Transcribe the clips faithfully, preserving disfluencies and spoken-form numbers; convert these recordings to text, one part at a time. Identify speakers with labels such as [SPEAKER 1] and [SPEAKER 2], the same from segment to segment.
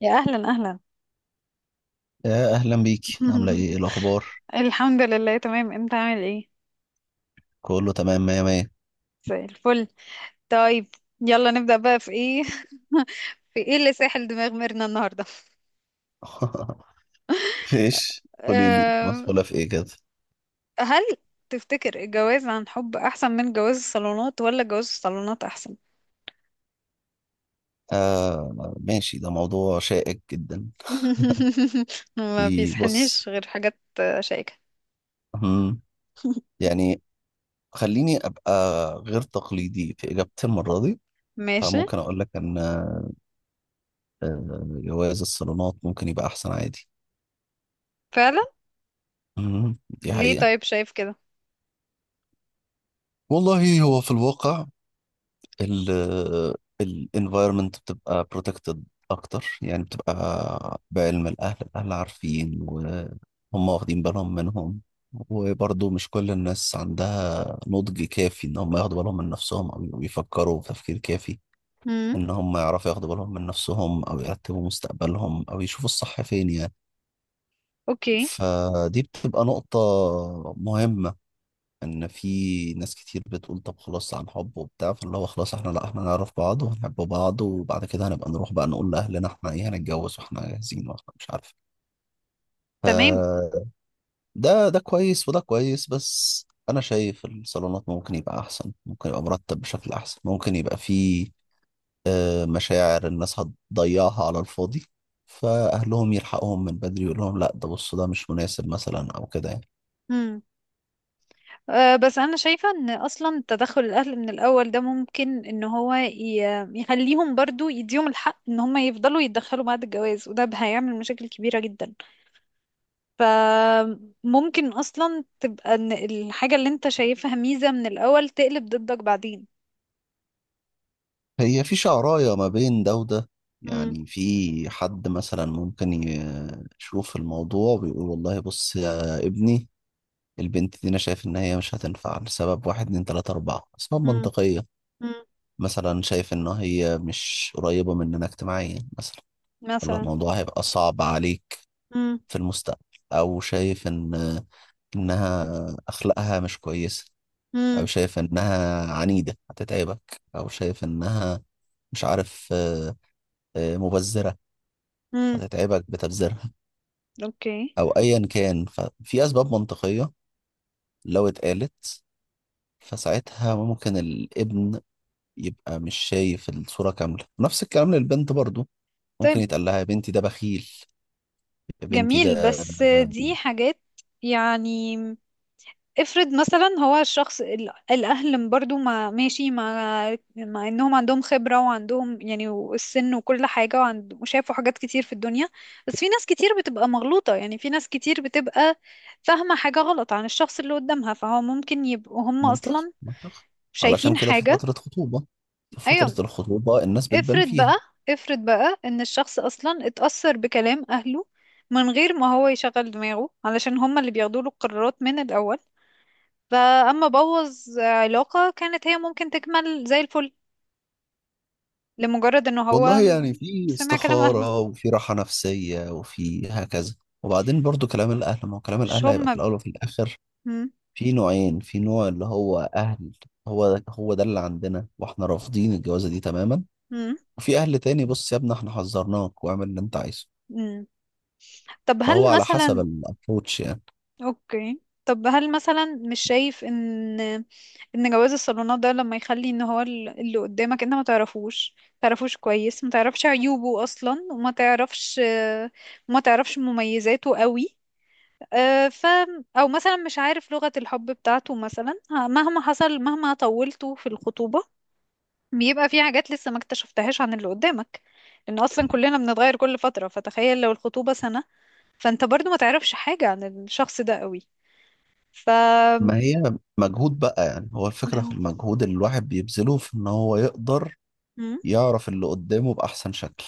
[SPEAKER 1] يا اهلا اهلا.
[SPEAKER 2] يا اهلا بيك. عامله ايه؟ إيه الاخبار؟
[SPEAKER 1] الحمد لله، تمام. انت عامل ايه؟
[SPEAKER 2] كله تمام، مية مية.
[SPEAKER 1] زي الفل. طيب. يلا نبدأ بقى في ايه في ايه اللي ساحل دماغ ميرنا النهارده؟
[SPEAKER 2] فيش، قولي لي،
[SPEAKER 1] أه.
[SPEAKER 2] مسؤوله في ايه كده؟
[SPEAKER 1] هل تفتكر الجواز عن حب احسن من جواز الصالونات ولا جواز الصالونات احسن؟
[SPEAKER 2] آه ماشي، ده موضوع شائك جدا.
[SPEAKER 1] ما
[SPEAKER 2] في بص،
[SPEAKER 1] بيسحلنيش غير حاجات آه، شائكة.
[SPEAKER 2] مم، يعني خليني ابقى غير تقليدي في اجابتي المره دي.
[SPEAKER 1] ماشي.
[SPEAKER 2] فممكن اقول لك ان آه، جواز الصالونات ممكن يبقى احسن عادي.
[SPEAKER 1] فعلا.
[SPEAKER 2] مم، دي
[SPEAKER 1] ليه
[SPEAKER 2] حقيقه.
[SPEAKER 1] طيب شايف كده؟
[SPEAKER 2] والله هو في الواقع ال ال environment بتبقى protected أكتر، يعني بتبقى بعلم الأهل، الأهل عارفين وهم واخدين بالهم منهم. وبرضه مش كل الناس عندها نضج كافي إن هم ياخدوا بالهم من نفسهم أو يفكروا بتفكير كافي،
[SPEAKER 1] امم.
[SPEAKER 2] إن هم يعرفوا ياخدوا بالهم من نفسهم أو يرتبوا مستقبلهم أو يشوفوا الصح فين يعني.
[SPEAKER 1] اوكي.
[SPEAKER 2] فدي بتبقى نقطة مهمة. ان في ناس كتير بتقول طب خلاص عن حب وبتاع، فاللي هو خلاص احنا لا احنا نعرف بعض ونحب بعض وبعد كده هنبقى نروح بقى نقول لاهلنا احنا ايه، هنتجوز واحنا جاهزين واحنا مش عارف. ف-
[SPEAKER 1] تمام.
[SPEAKER 2] ده ده كويس وده كويس، بس انا شايف الصالونات ممكن يبقى احسن، ممكن يبقى مرتب بشكل احسن، ممكن يبقى فيه آه، مشاعر الناس هتضيعها على الفاضي. فاهلهم يلحقهم من بدري يقول لهم لا ده، بصوا ده مش مناسب مثلا او كده يعني.
[SPEAKER 1] آه، بس انا شايفة ان اصلا تدخل الاهل من الاول ده ممكن ان هو ي- يخليهم برضو يديهم الحق ان هم يفضلوا يتدخلوا بعد الجواز، وده هيعمل مشاكل كبيرة جدا. فممكن اصلا تبقى ان الحاجة اللي انت شايفها ميزة من الاول تقلب ضدك بعدين.
[SPEAKER 2] هي في شعراية ما بين ده وده.
[SPEAKER 1] مم.
[SPEAKER 2] يعني في حد مثلا ممكن ي- يشوف الموضوع ويقول والله بص يا ابني، البنت دي انا شايف ان هي مش هتنفع لسبب، واحد اتنين تلاتة اربعة اسباب
[SPEAKER 1] مم.
[SPEAKER 2] منطقية.
[SPEAKER 1] مم.
[SPEAKER 2] مثلا شايف ان هي مش قريبة مننا اجتماعيا مثلا،
[SPEAKER 1] مثلا.
[SPEAKER 2] فالموضوع هيبقى صعب عليك
[SPEAKER 1] مم.
[SPEAKER 2] في المستقبل. او شايف ان انها اخلاقها مش كويسة، او
[SPEAKER 1] مم.
[SPEAKER 2] شايف انها عنيدة هتتعبك، او شايف انها مش عارف آه، آه، مبذرة
[SPEAKER 1] مم.
[SPEAKER 2] هتتعبك بتبذيرها،
[SPEAKER 1] اوكي.
[SPEAKER 2] او ايا كان. ففي اسباب منطقيه لو اتقالت فساعتها ممكن الابن يبقى مش شايف الصوره كامله. نفس الكلام للبنت برضو، ممكن
[SPEAKER 1] طيب.
[SPEAKER 2] يتقال لها يا بنتي ده بخيل، يا بنتي
[SPEAKER 1] جميل،
[SPEAKER 2] ده
[SPEAKER 1] بس دي حاجات يعني. افرض مثلا هو الشخص ال- الاهل برضو ما ماشي مع مع انهم عندهم خبرة وعندهم يعني السن وكل حاجة وعند- وشافوا حاجات كتير في الدنيا، بس في ناس كتير بتبقى مغلوطة. يعني في ناس كتير بتبقى فاهمة حاجة غلط عن الشخص اللي قدامها، فهو ممكن يبقوا هم
[SPEAKER 2] منطقي
[SPEAKER 1] اصلا
[SPEAKER 2] منطقي. علشان
[SPEAKER 1] شايفين
[SPEAKER 2] كده في
[SPEAKER 1] حاجة.
[SPEAKER 2] فتره خطوبه، في فتره
[SPEAKER 1] ايوه.
[SPEAKER 2] الخطوبه الناس بتبان
[SPEAKER 1] افرض
[SPEAKER 2] فيها.
[SPEAKER 1] بقى افرض بقى ان الشخص اصلا اتأثر بكلام اهله، من غير ما هو يشغل دماغه علشان هم اللي بياخدوا له القرارات من الاول. فأما بوظ علاقة كانت هي ممكن تكمل زي الفل، لمجرد انه
[SPEAKER 2] والله
[SPEAKER 1] هو
[SPEAKER 2] يعني في
[SPEAKER 1] سمع كلام اهله،
[SPEAKER 2] استخاره وفي راحه نفسيه وفي هكذا. وبعدين برضو كلام الاهل، ما هو كلام
[SPEAKER 1] مش
[SPEAKER 2] الاهل
[SPEAKER 1] هم.
[SPEAKER 2] هيبقى في الاول وفي الاخر
[SPEAKER 1] مم.
[SPEAKER 2] في نوعين. في نوع اللي هو اهل هو ده هو ده اللي عندنا واحنا رافضين الجوازه دي تماما.
[SPEAKER 1] مم.
[SPEAKER 2] وفي اهل تاني بص يا ابني احنا حذرناك واعمل اللي انت عايزه.
[SPEAKER 1] مم. طب
[SPEAKER 2] فهو
[SPEAKER 1] هل
[SPEAKER 2] على حسب
[SPEAKER 1] مثلا
[SPEAKER 2] الابروتش يعني.
[SPEAKER 1] اوكي، طب هل مثلا مش شايف ان ان جواز الصالونات ده لما يخلي ان هو ال- اللي قدامك انت ما تعرفوش ما تعرفوش كويس، ما تعرفش عيوبه اصلا، وما تعرفش ما تعرفش مميزاته قوي. آه، ف او مثلا مش عارف لغة الحب بتاعته مثلا، ه- مهما حصل مهما طولته في الخطوبة، بيبقى في حاجات لسه ما اكتشفتهاش عن اللي قدامك. لان اصلا كلنا بنتغير كل فترة، فتخيل لو الخطوبة سنة، فانت برضو ما تعرفش حاجة عن الشخص ده قوي. ف
[SPEAKER 2] ما هي مجهود بقى يعني، هو الفكره في
[SPEAKER 1] هو-
[SPEAKER 2] المجهود اللي الواحد بيبذله في ان هو يقدر
[SPEAKER 1] مم.
[SPEAKER 2] يعرف اللي قدامه باحسن شكل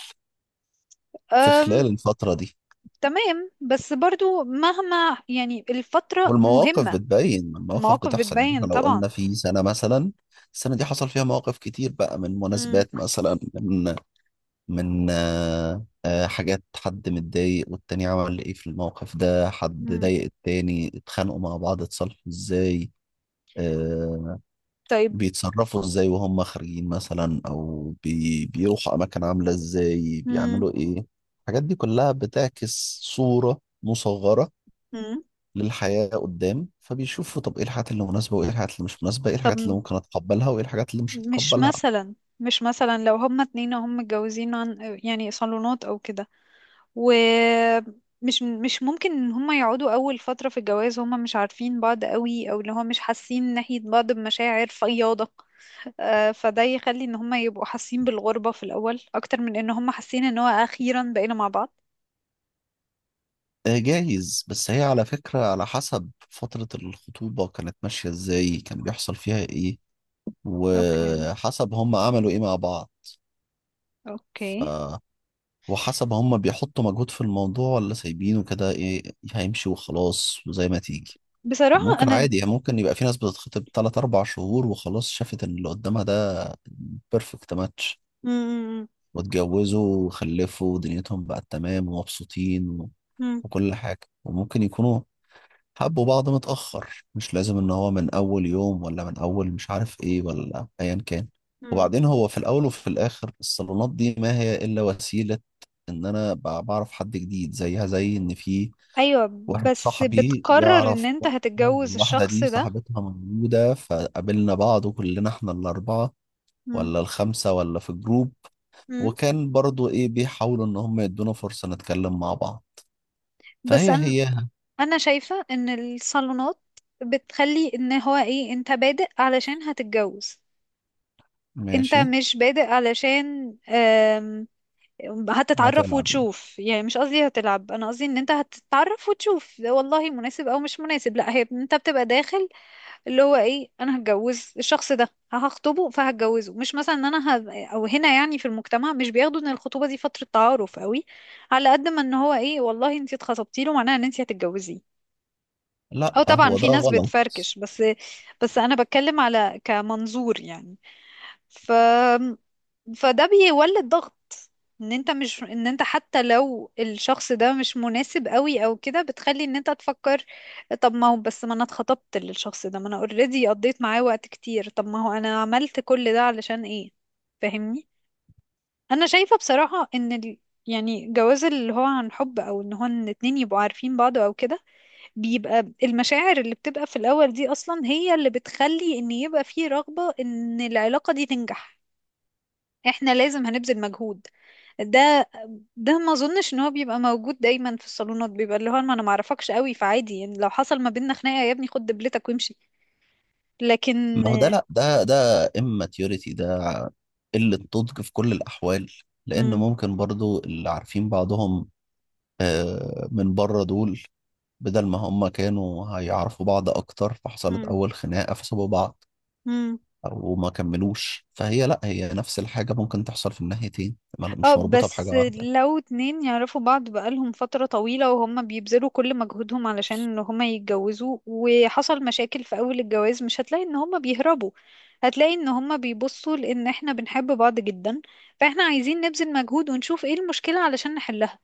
[SPEAKER 2] في
[SPEAKER 1] أم...
[SPEAKER 2] خلال الفتره دي.
[SPEAKER 1] تمام، بس برضو مهما يعني الفترة
[SPEAKER 2] والمواقف
[SPEAKER 1] مهمة.
[SPEAKER 2] بتبين، المواقف
[SPEAKER 1] المواقف
[SPEAKER 2] بتحصل يعني. احنا
[SPEAKER 1] بتبين
[SPEAKER 2] لو قلنا
[SPEAKER 1] طبعا.
[SPEAKER 2] في سنه مثلا، السنه دي حصل فيها مواقف كتير بقى، من
[SPEAKER 1] مم.
[SPEAKER 2] مناسبات مثلا، من من آه، آه، حاجات، حد متضايق والتاني عمل ايه في الموقف ده، حد
[SPEAKER 1] مم.
[SPEAKER 2] ضايق التاني، اتخانقوا مع بعض اتصالحوا ازاي، آه،
[SPEAKER 1] طيب.
[SPEAKER 2] بيتصرفوا ازاي وهم خارجين مثلا، او بي بيروحوا اماكن عاملة ازاي،
[SPEAKER 1] مم.
[SPEAKER 2] بيعملوا ايه. الحاجات دي كلها بتعكس صورة مصغرة
[SPEAKER 1] مم.
[SPEAKER 2] للحياة قدام. فبيشوفوا طب ايه الحاجات اللي مناسبة وايه الحاجات اللي مش مناسبة، ايه
[SPEAKER 1] طب
[SPEAKER 2] الحاجات اللي ممكن اتقبلها وايه الحاجات اللي مش
[SPEAKER 1] مش
[SPEAKER 2] هتقبلها.
[SPEAKER 1] مثلا مش مثلا لو هما اتنين وهم متجوزين عن يعني صالونات او كده، ومش مش مش ممكن ان هما يقعدوا اول فترة في الجواز هما مش عارفين بعض قوي، او اللي هو مش حاسين ناحية بعض بمشاعر فياضة؟ آه، فده يخلي ان هما يبقوا حاسين بالغربة في الاول اكتر من ان هما حاسين ان هو اخيرا بقينا مع بعض.
[SPEAKER 2] آه، جايز، بس هي على فكرة على حسب فترة الخطوبة كانت ماشية ازاي، كان بيحصل فيها ايه،
[SPEAKER 1] اوكي.
[SPEAKER 2] وحسب هم عملوا ايه مع بعض. ف...
[SPEAKER 1] اوكي.
[SPEAKER 2] وحسب هم بيحطوا مجهود في الموضوع ولا سايبينه كده، ايه هيمشي وخلاص وزي ما تيجي.
[SPEAKER 1] بصراحة
[SPEAKER 2] فممكن
[SPEAKER 1] انا.
[SPEAKER 2] عادي يعني، ممكن يبقى في ناس بتتخطب تلات أربع شهور وخلاص، شافت إن اللي قدامها ده بيرفكت ماتش،
[SPEAKER 1] مم.
[SPEAKER 2] واتجوزوا وخلفوا ودنيتهم بقت تمام ومبسوطين و...
[SPEAKER 1] مم.
[SPEAKER 2] وكل حاجة. وممكن يكونوا حبوا بعض متأخر، مش لازم ان هو من اول يوم، ولا من اول مش عارف ايه، ولا ايا كان.
[SPEAKER 1] مم.
[SPEAKER 2] وبعدين هو في الاول وفي الاخر الصالونات دي ما هي الا وسيلة ان انا بع- بعرف حد جديد. زيها زي ان في
[SPEAKER 1] ايوه،
[SPEAKER 2] واحد
[SPEAKER 1] بس
[SPEAKER 2] صاحبي
[SPEAKER 1] بتقرر ان
[SPEAKER 2] يعرف
[SPEAKER 1] انت
[SPEAKER 2] واحدة،
[SPEAKER 1] هتتجوز
[SPEAKER 2] والواحدة
[SPEAKER 1] الشخص
[SPEAKER 2] دي
[SPEAKER 1] ده.
[SPEAKER 2] صاحبتها موجودة، فقابلنا بعض وكلنا احنا الاربعة ولا الخمسة، ولا في جروب.
[SPEAKER 1] مم.
[SPEAKER 2] وكان برضو ايه بيحاولوا ان هم يدونا فرصة نتكلم مع بعض.
[SPEAKER 1] بس
[SPEAKER 2] فهي
[SPEAKER 1] انا
[SPEAKER 2] هي.
[SPEAKER 1] انا شايفة ان الصالونات بتخلي ان هو ايه، انت بادئ علشان هتتجوز. انت
[SPEAKER 2] ماشي.
[SPEAKER 1] مش بادئ علشان آم، هتتعرف
[SPEAKER 2] هتلعب.
[SPEAKER 1] وتشوف. يعني مش قصدي هتلعب، انا قصدي ان انت هتتعرف وتشوف والله مناسب او مش مناسب. لا، هي انت بتبقى داخل اللي هو ايه، انا هتجوز الشخص ده، هخطبه فهتجوزه. مش مثلا ان انا ه... او هنا يعني في المجتمع مش بياخدوا ان الخطوبة دي فترة تعارف قوي. على قد ما ان هو ايه، والله انت اتخطبتي له معناها ان انت هتتجوزيه.
[SPEAKER 2] لا
[SPEAKER 1] اه طبعا
[SPEAKER 2] هو
[SPEAKER 1] في
[SPEAKER 2] ده
[SPEAKER 1] ناس
[SPEAKER 2] غلط.
[SPEAKER 1] بتفركش، بس بس انا بتكلم على كمنظور يعني. ف فده بيولد ضغط. ان انت مش ان انت حتى لو الشخص ده مش مناسب قوي او كده، بتخلي ان انت تفكر طب ما هو، بس ما انا اتخطبت للشخص ده، ما انا اوريدي قضيت معاه وقت كتير، طب ما هو انا عملت كل ده علشان ايه؟ فاهمني. انا شايفة بصراحة ان ال... يعني جواز اللي هو عن حب، او ان هو ان اتنين يبقوا عارفين بعض او كده، بيبقى المشاعر اللي بتبقى في الأول دي أصلا هي اللي بتخلي إن يبقى فيه رغبة إن العلاقة دي تنجح. احنا لازم هنبذل مجهود. ده ده ما اظنش ان هو بيبقى موجود دايما. في الصالونات بيبقى اللي هو ما انا ما اعرفكش قوي، فعادي يعني لو حصل ما بيننا خناقه يا ابني خد دبلتك وامشي. لكن.
[SPEAKER 2] ما هو ده لا، ده ده immaturity، ده قلة نضج في كل الأحوال. لأن
[SPEAKER 1] مم.
[SPEAKER 2] ممكن برضو اللي عارفين بعضهم آه، من بره دول، بدل ما هم كانوا هيعرفوا بعض أكتر، فحصلت أول خناقة فسابوا بعض
[SPEAKER 1] مم.
[SPEAKER 2] أو ما كملوش. فهي لا، هي نفس الحاجة ممكن تحصل في الناحيتين، ما-
[SPEAKER 1] اه
[SPEAKER 2] مش مربوطة بحاجة
[SPEAKER 1] بس
[SPEAKER 2] واحدة.
[SPEAKER 1] لو اتنين يعرفوا بعض بقالهم فترة طويلة وهم بيبذلوا كل مجهودهم علشان ان هما يتجوزوا، وحصل مشاكل في اول الجواز، مش هتلاقي ان هما بيهربوا. هتلاقي ان هما بيبصوا لان احنا بنحب بعض جدا، فاحنا عايزين نبذل مجهود ونشوف ايه المشكلة علشان نحلها.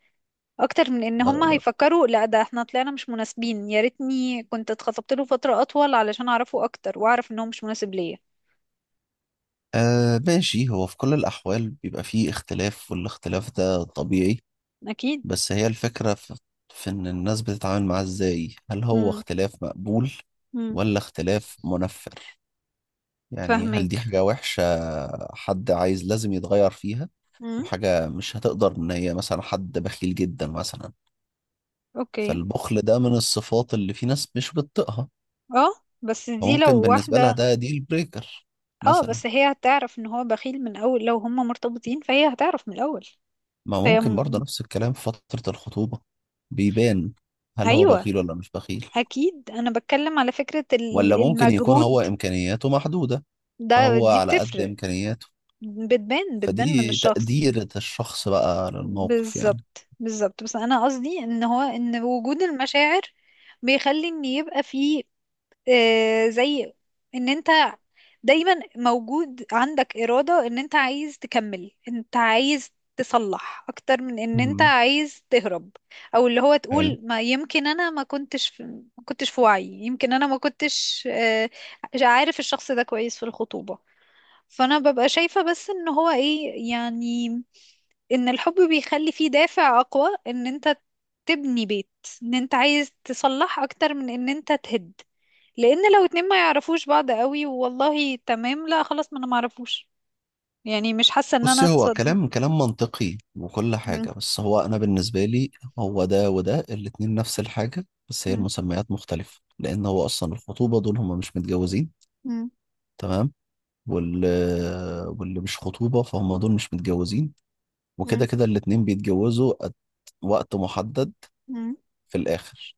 [SPEAKER 1] اكتر من ان هما
[SPEAKER 2] آه
[SPEAKER 1] هيفكروا لا ده احنا طلعنا مش مناسبين، يا ريتني كنت اتخطبت له فترة اطول علشان اعرفه اكتر واعرف ان هو مش مناسب ليا.
[SPEAKER 2] آه، ماشي. هو في كل الأحوال بيبقى فيه اختلاف، والاختلاف ده طبيعي.
[SPEAKER 1] اكيد.
[SPEAKER 2] بس هي الفكرة في, في إن الناس بتتعامل معاه إزاي، هل هو
[SPEAKER 1] امم.
[SPEAKER 2] اختلاف مقبول
[SPEAKER 1] امم.
[SPEAKER 2] ولا اختلاف منفر. يعني هل دي
[SPEAKER 1] فاهمك.
[SPEAKER 2] حاجة وحشة حد عايز لازم يتغير فيها،
[SPEAKER 1] امم.
[SPEAKER 2] وحاجة مش هتقدر. إن هي مثلا حد بخيل جدا مثلا،
[SPEAKER 1] اوكي.
[SPEAKER 2] فالبخل ده من الصفات اللي في ناس مش بتطيقها،
[SPEAKER 1] اه بس دي لو
[SPEAKER 2] فممكن بالنسبة لها
[SPEAKER 1] واحدة.
[SPEAKER 2] ده ديل بريكر
[SPEAKER 1] اه
[SPEAKER 2] مثلا.
[SPEAKER 1] بس هي هتعرف ان هو بخيل من اول، لو هما مرتبطين فهي هتعرف من الاول.
[SPEAKER 2] ما
[SPEAKER 1] فهي
[SPEAKER 2] ممكن برضه
[SPEAKER 1] م-
[SPEAKER 2] نفس الكلام في فترة الخطوبة بيبان هل هو
[SPEAKER 1] ايوه،
[SPEAKER 2] بخيل ولا مش بخيل،
[SPEAKER 1] اكيد. انا بتكلم على فكرة
[SPEAKER 2] ولا
[SPEAKER 1] ال-
[SPEAKER 2] ممكن يكون هو
[SPEAKER 1] المجهود
[SPEAKER 2] إمكانياته محدودة،
[SPEAKER 1] ده،
[SPEAKER 2] فهو
[SPEAKER 1] دي
[SPEAKER 2] على قد
[SPEAKER 1] بتفرق.
[SPEAKER 2] إمكانياته.
[SPEAKER 1] بتبان بتبان من
[SPEAKER 2] فدي
[SPEAKER 1] الشخص.
[SPEAKER 2] تقدير الشخص بقى للموقف يعني.
[SPEAKER 1] بالظبط، بالظبط. بس انا قصدي ان هو ان وجود المشاعر بيخلي ان يبقى في آه، زي ان انت دايما موجود عندك إرادة ان انت عايز تكمل، انت عايز تصلح اكتر من ان انت
[SPEAKER 2] مم.
[SPEAKER 1] عايز تهرب. او اللي هو
[SPEAKER 2] حلو.
[SPEAKER 1] تقول ما يمكن انا ما كنتش في ما كنتش في وعي، يمكن انا ما كنتش آه، عارف الشخص ده كويس في الخطوبة. فانا ببقى شايفة بس ان هو ايه يعني ان الحب بيخلي فيه دافع اقوى ان انت تبني بيت، ان انت عايز تصلح اكتر من ان انت تهد. لان لو اتنين ما يعرفوش بعض قوي، والله تمام، لا خلاص، ما انا ما اعرفوش، يعني مش حاسة ان انا
[SPEAKER 2] بصي هو
[SPEAKER 1] اتصد.
[SPEAKER 2] كلام كلام منطقي وكل
[SPEAKER 1] مم.
[SPEAKER 2] حاجة، بس هو أنا بالنسبة لي هو ده وده الاتنين نفس الحاجة، بس هي
[SPEAKER 1] مم.
[SPEAKER 2] المسميات مختلفة. لأن هو أصلا الخطوبة دول هما مش متجوزين،
[SPEAKER 1] مم.
[SPEAKER 2] تمام، وال واللي مش خطوبة فهم دول مش متجوزين. وكده
[SPEAKER 1] مم.
[SPEAKER 2] كده الاتنين بيتجوزوا at وقت محدد
[SPEAKER 1] مم.
[SPEAKER 2] في الآخر.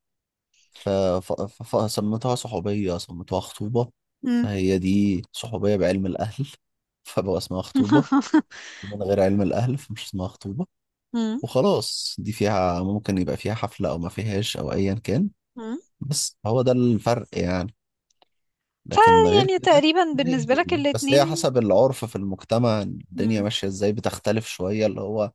[SPEAKER 2] ف- ف- ف- فسميتها صحوبية سميتها خطوبة.
[SPEAKER 1] مم.
[SPEAKER 2] فهي دي صحوبية بعلم الأهل فبقى اسمها خطوبة، من غير علم الأهل فمش اسمها خطوبة
[SPEAKER 1] مم.
[SPEAKER 2] وخلاص. دي فيها ممكن يبقى فيها حفلة أو ما فيهاش أو أيا كان.
[SPEAKER 1] مم.
[SPEAKER 2] بس هو ده الفرق يعني،
[SPEAKER 1] ف
[SPEAKER 2] لكن غير
[SPEAKER 1] يعني
[SPEAKER 2] كده
[SPEAKER 1] تقريبا
[SPEAKER 2] هي
[SPEAKER 1] بالنسبة
[SPEAKER 2] هي.
[SPEAKER 1] لك
[SPEAKER 2] بس هي
[SPEAKER 1] الاتنين.
[SPEAKER 2] حسب العرف في المجتمع الدنيا
[SPEAKER 1] مم.
[SPEAKER 2] ماشية إزاي بتختلف شوية، اللي هو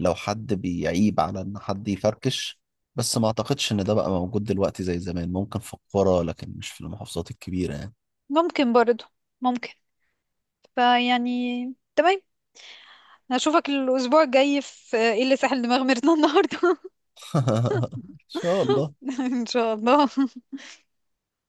[SPEAKER 2] لو حد بيعيب على ان حد يفركش. بس ما اعتقدش ان ده بقى موجود دلوقتي زي زمان، ممكن في القرى لكن مش في المحافظات الكبيرة يعني.
[SPEAKER 1] ممكن برضو. ممكن. فيعني. تمام. هشوفك الأسبوع الجاي في إيه اللي ساحل دماغ ميرنا النهاردة؟
[SPEAKER 2] ان شاء الله.
[SPEAKER 1] إن شاء الله.